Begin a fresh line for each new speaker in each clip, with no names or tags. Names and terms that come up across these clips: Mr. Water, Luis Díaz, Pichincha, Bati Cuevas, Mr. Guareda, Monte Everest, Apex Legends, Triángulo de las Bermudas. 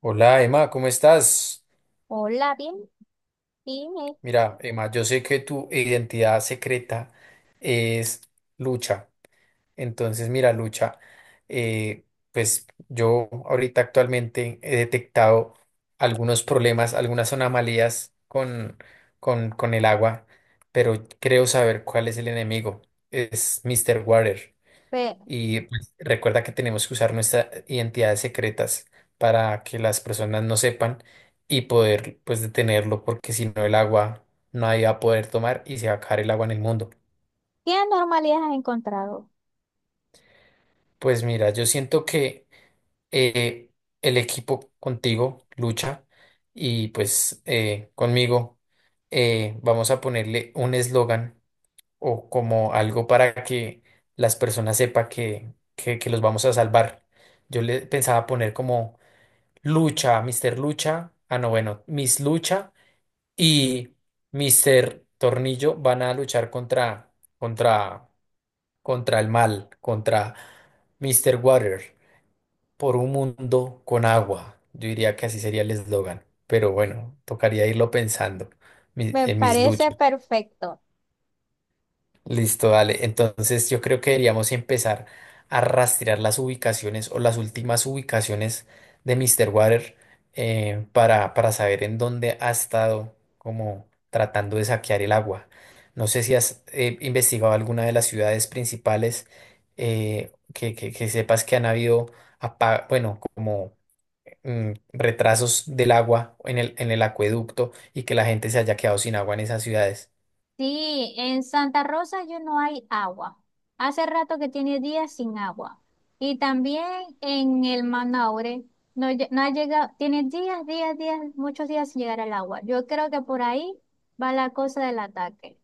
Hola Emma, ¿cómo estás?
Hola, bien, dime,
Mira, Emma, yo sé que tu identidad secreta es Lucha. Entonces, mira, Lucha, eh, pues yo ahorita actualmente he detectado algunos problemas, algunas anomalías con el agua, pero creo saber cuál es el enemigo. Es Mr. Water.
pe-
Y pues, recuerda que tenemos que usar nuestras identidades secretas para que las personas no sepan y poder pues detenerlo porque si no el agua nadie va a poder tomar y se va a acabar el agua en el mundo.
¿qué anormalidades has encontrado?
Pues mira, yo siento que eh, el equipo contigo lucha y pues conmigo vamos a ponerle un eslogan o como algo para que las personas sepan que los vamos a salvar. Yo le pensaba poner como Lucha, Mr. Lucha. Ah, no, bueno, Miss Lucha y Mr. Tornillo van a luchar contra, contra el mal, contra Mr. Water, por un mundo con agua. Yo diría que así sería el eslogan, pero bueno, tocaría irlo pensando.
Me
Miss
parece
Lucha.
perfecto.
Listo, dale. Entonces yo creo que deberíamos empezar a rastrear las ubicaciones o las últimas ubicaciones de Mr. Water, para saber en dónde ha estado como tratando de saquear el agua. No sé si has investigado alguna de las ciudades principales, que sepas que han habido, bueno, como retrasos del agua en el acueducto y que la gente se haya quedado sin agua en esas ciudades.
Sí, en Santa Rosa yo no hay agua. Hace rato que tiene días sin agua. Y también en el Manaure no, no ha llegado, tiene días, días, días, muchos días sin llegar el agua. Yo creo que por ahí va la cosa del ataque.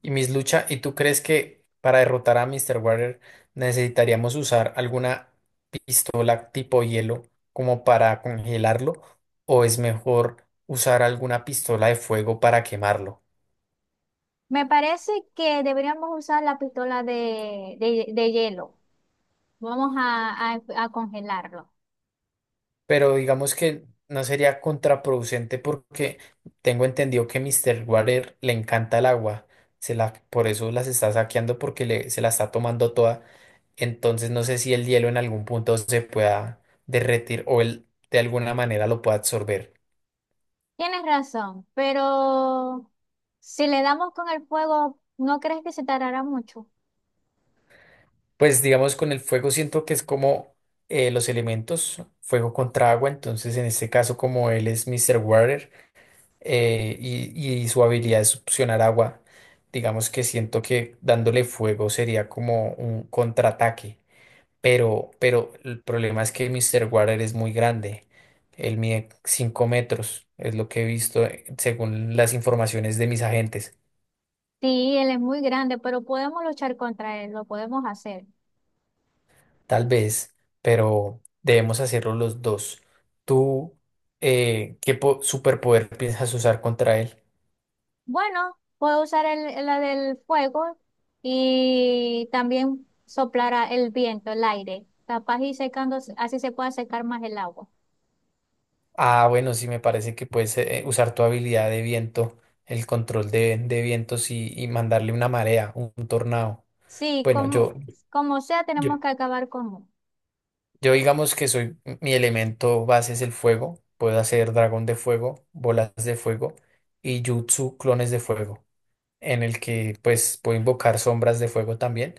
Y Miss Lucha, ¿y tú crees que para derrotar a Mr. Water necesitaríamos usar alguna pistola tipo hielo como para congelarlo? ¿O es mejor usar alguna pistola de fuego para quemarlo?
Me parece que deberíamos usar la pistola de hielo. Vamos a, a congelarlo.
Pero digamos que no sería contraproducente porque tengo entendido que Mr. Water le encanta el agua. Se la, por eso las está saqueando porque se la está tomando toda. Entonces no sé si el hielo en algún punto se pueda derretir o él de alguna manera lo pueda absorber.
Tienes razón, pero si le damos con el fuego, ¿no crees que se tardará mucho?
Pues digamos con el fuego siento que es como los elementos, fuego contra agua, entonces en este caso como él es Mr. Water, y su habilidad de succionar agua, digamos que siento que dándole fuego sería como un contraataque. Pero el problema es que Mr. Water es muy grande. Él mide 5 metros, es lo que he visto, según las informaciones de mis agentes.
Sí, él es muy grande, pero podemos luchar contra él, lo podemos hacer.
Tal vez, pero debemos hacerlo los dos. ¿Tú qué superpoder piensas usar contra él?
Bueno, puedo usar la del fuego y también soplar el viento, el aire, capaz y secando, así se puede secar más el agua.
Ah, bueno, sí, me parece que puedes usar tu habilidad de viento, el control de vientos y mandarle una marea, un tornado.
Sí,
Bueno,
como,
yo,
como sea,
yo
tenemos que acabar con él.
yo digamos que soy, mi elemento base es el fuego. Puedo hacer dragón de fuego, bolas de fuego y jutsu clones de fuego, en el que pues puedo invocar sombras de fuego también,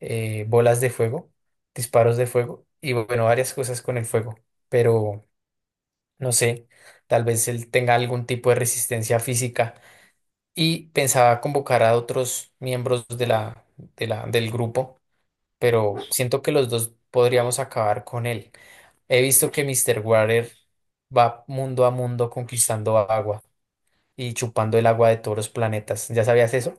bolas de fuego, disparos de fuego y bueno, varias cosas con el fuego. Pero no sé, tal vez él tenga algún tipo de resistencia física y pensaba convocar a otros miembros de del grupo, pero siento que los dos podríamos acabar con él. He visto que Mr. Water va mundo a mundo conquistando agua y chupando el agua de todos los planetas. ¿Ya sabías eso?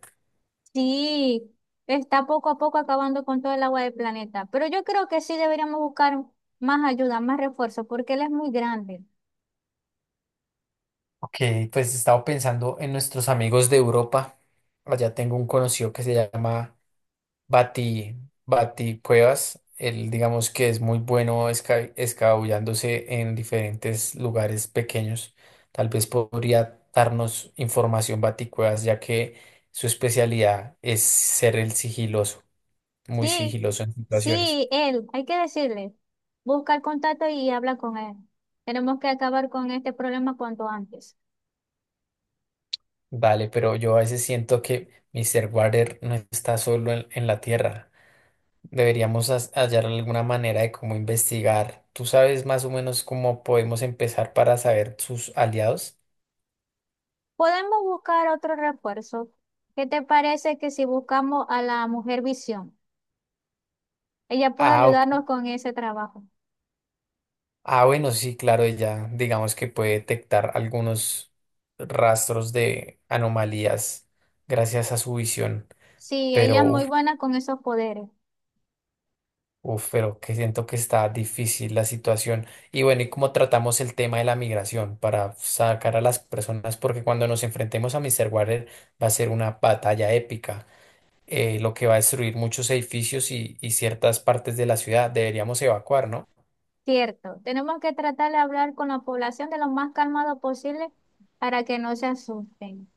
Sí, está poco a poco acabando con todo el agua del planeta, pero yo creo que sí deberíamos buscar más ayuda, más refuerzo, porque él es muy grande.
Ok, pues he estado pensando en nuestros amigos de Europa. Allá tengo un conocido que se llama Bati, Bati Cuevas. Él, digamos que es muy bueno escabullándose en diferentes lugares pequeños. Tal vez podría darnos información Bati Cuevas, ya que su especialidad es ser el sigiloso, muy
Sí,
sigiloso en situaciones.
sí, él, hay que decirle, busca el contacto y habla con él. Tenemos que acabar con este problema cuanto antes.
Vale, pero yo a veces siento que Mr. Water no está solo en la Tierra. Deberíamos hallar alguna manera de cómo investigar. ¿Tú sabes más o menos cómo podemos empezar para saber sus aliados?
Podemos buscar otro refuerzo. ¿Qué te parece que si buscamos a la mujer visión? Ella puede
Ah, ok.
ayudarnos con ese trabajo.
Ah, bueno, sí, claro, ella digamos que puede detectar algunos rastros de anomalías gracias a su visión,
Sí, ella
pero
es muy buena con esos poderes.
uf, pero que siento que está difícil la situación. Y bueno, ¿y cómo tratamos el tema de la migración para sacar a las personas? Porque cuando nos enfrentemos a Mr. Water va a ser una batalla épica, lo que va a destruir muchos edificios y ciertas partes de la ciudad. Deberíamos evacuar, ¿no?
Cierto, tenemos que tratar de hablar con la población de lo más calmado posible para que no se asusten.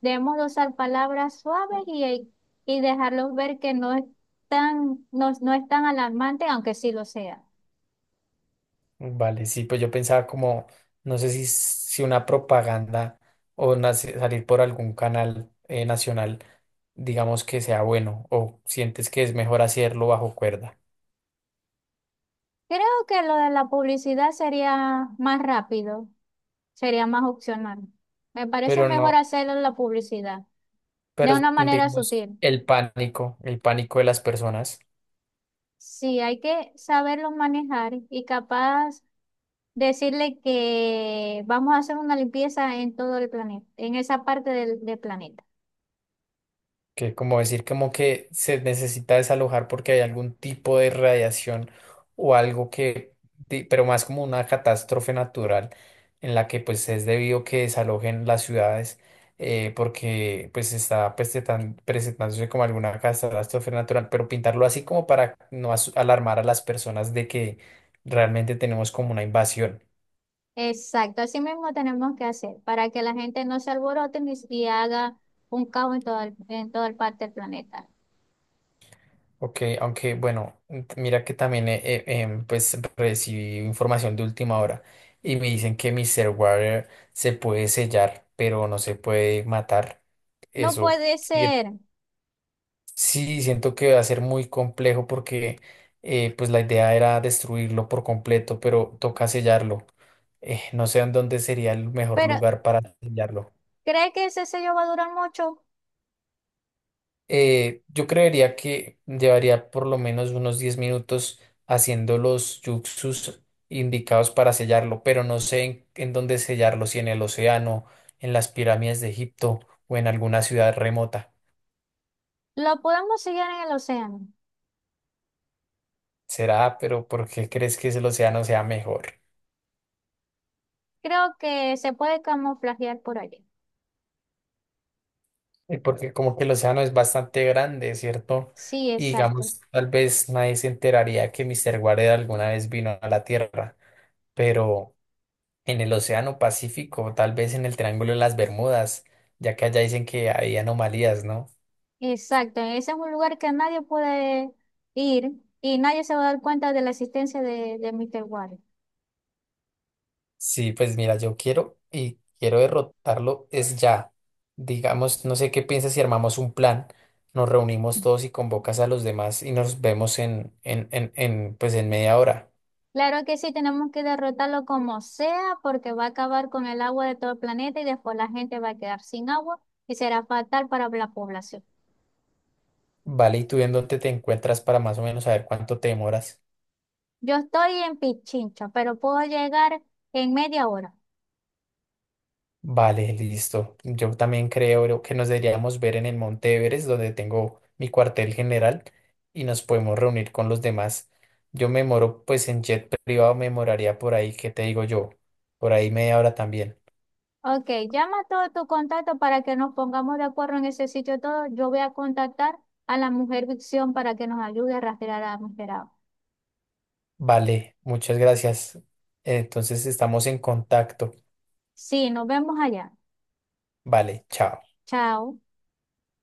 Debemos de usar palabras suaves y dejarlos ver que no es tan, no, no es tan alarmante, aunque sí lo sea.
Vale, sí, pues yo pensaba como, no sé si una propaganda o salir por algún canal nacional, digamos que sea bueno, o sientes que es mejor hacerlo bajo cuerda.
Creo que lo de la publicidad sería más rápido, sería más opcional. Me parece
Pero
mejor
no.
hacerlo en la publicidad, de
Pero
una manera
digamos,
sutil.
el pánico de las personas,
Sí, hay que saberlo manejar y capaz decirle que vamos a hacer una limpieza en todo el planeta, en esa parte del planeta.
que como decir como que se necesita desalojar porque hay algún tipo de radiación o algo que, pero más como una catástrofe natural en la que pues es debido que desalojen las ciudades, porque pues está pues, presentándose como alguna catástrofe natural, pero pintarlo así como para no alarmar a las personas de que realmente tenemos como una invasión.
Exacto, así mismo tenemos que hacer para que la gente no se alborote ni, y haga un caos en todo en toda parte del planeta.
Ok, aunque bueno, mira que también pues recibí información de última hora y me dicen que Mr. Water se puede sellar, pero no se puede matar.
No
Eso
puede
sí,
ser,
sí, siento que va a ser muy complejo porque pues la idea era destruirlo por completo, pero toca sellarlo. No sé en dónde sería el mejor
pero
lugar para sellarlo.
¿cree que ese sello va a durar mucho?
Yo creería que llevaría por lo menos unos 10 minutos haciendo los yuxus indicados para sellarlo, pero no sé en dónde sellarlo, si en el océano, en las pirámides de Egipto o en alguna ciudad remota.
Lo podemos sellar en el océano.
Será, pero ¿por qué crees que el océano sea mejor?
Creo que se puede camuflajear por allí.
Porque como que el océano es bastante grande, ¿cierto?
Sí,
Y
exacto.
digamos, tal vez nadie se enteraría que Mr. Guareda alguna vez vino a la Tierra, pero en el Océano Pacífico, tal vez en el Triángulo de las Bermudas, ya que allá dicen que hay anomalías, ¿no?
Exacto, ese es un lugar que nadie puede ir y nadie se va a dar cuenta de la existencia de Mr. Water.
Sí, pues mira, yo quiero y quiero derrotarlo es ya. Digamos, no sé qué piensas si armamos un plan, nos reunimos todos y convocas a los demás y nos vemos pues en media hora.
Claro que sí, tenemos que derrotarlo como sea porque va a acabar con el agua de todo el planeta y después la gente va a quedar sin agua y será fatal para la población.
Vale, ¿y tú en dónde te encuentras para más o menos saber cuánto te demoras?
Yo estoy en Pichincha, pero puedo llegar en media hora.
Vale, listo. Yo también creo que nos deberíamos ver en el Monte Everest, donde tengo mi cuartel general, y nos podemos reunir con los demás. Yo me moro, pues en jet privado me moraría por ahí, ¿qué te digo yo? Por ahí media hora también.
Ok, llama a todos tus contactos para que nos pongamos de acuerdo en ese sitio todo. Yo voy a contactar a la mujer Vicción para que nos ayude a rastrear a Mister Agua.
Vale, muchas gracias. Entonces estamos en contacto.
Sí, nos vemos allá.
Vale, chao.
Chao.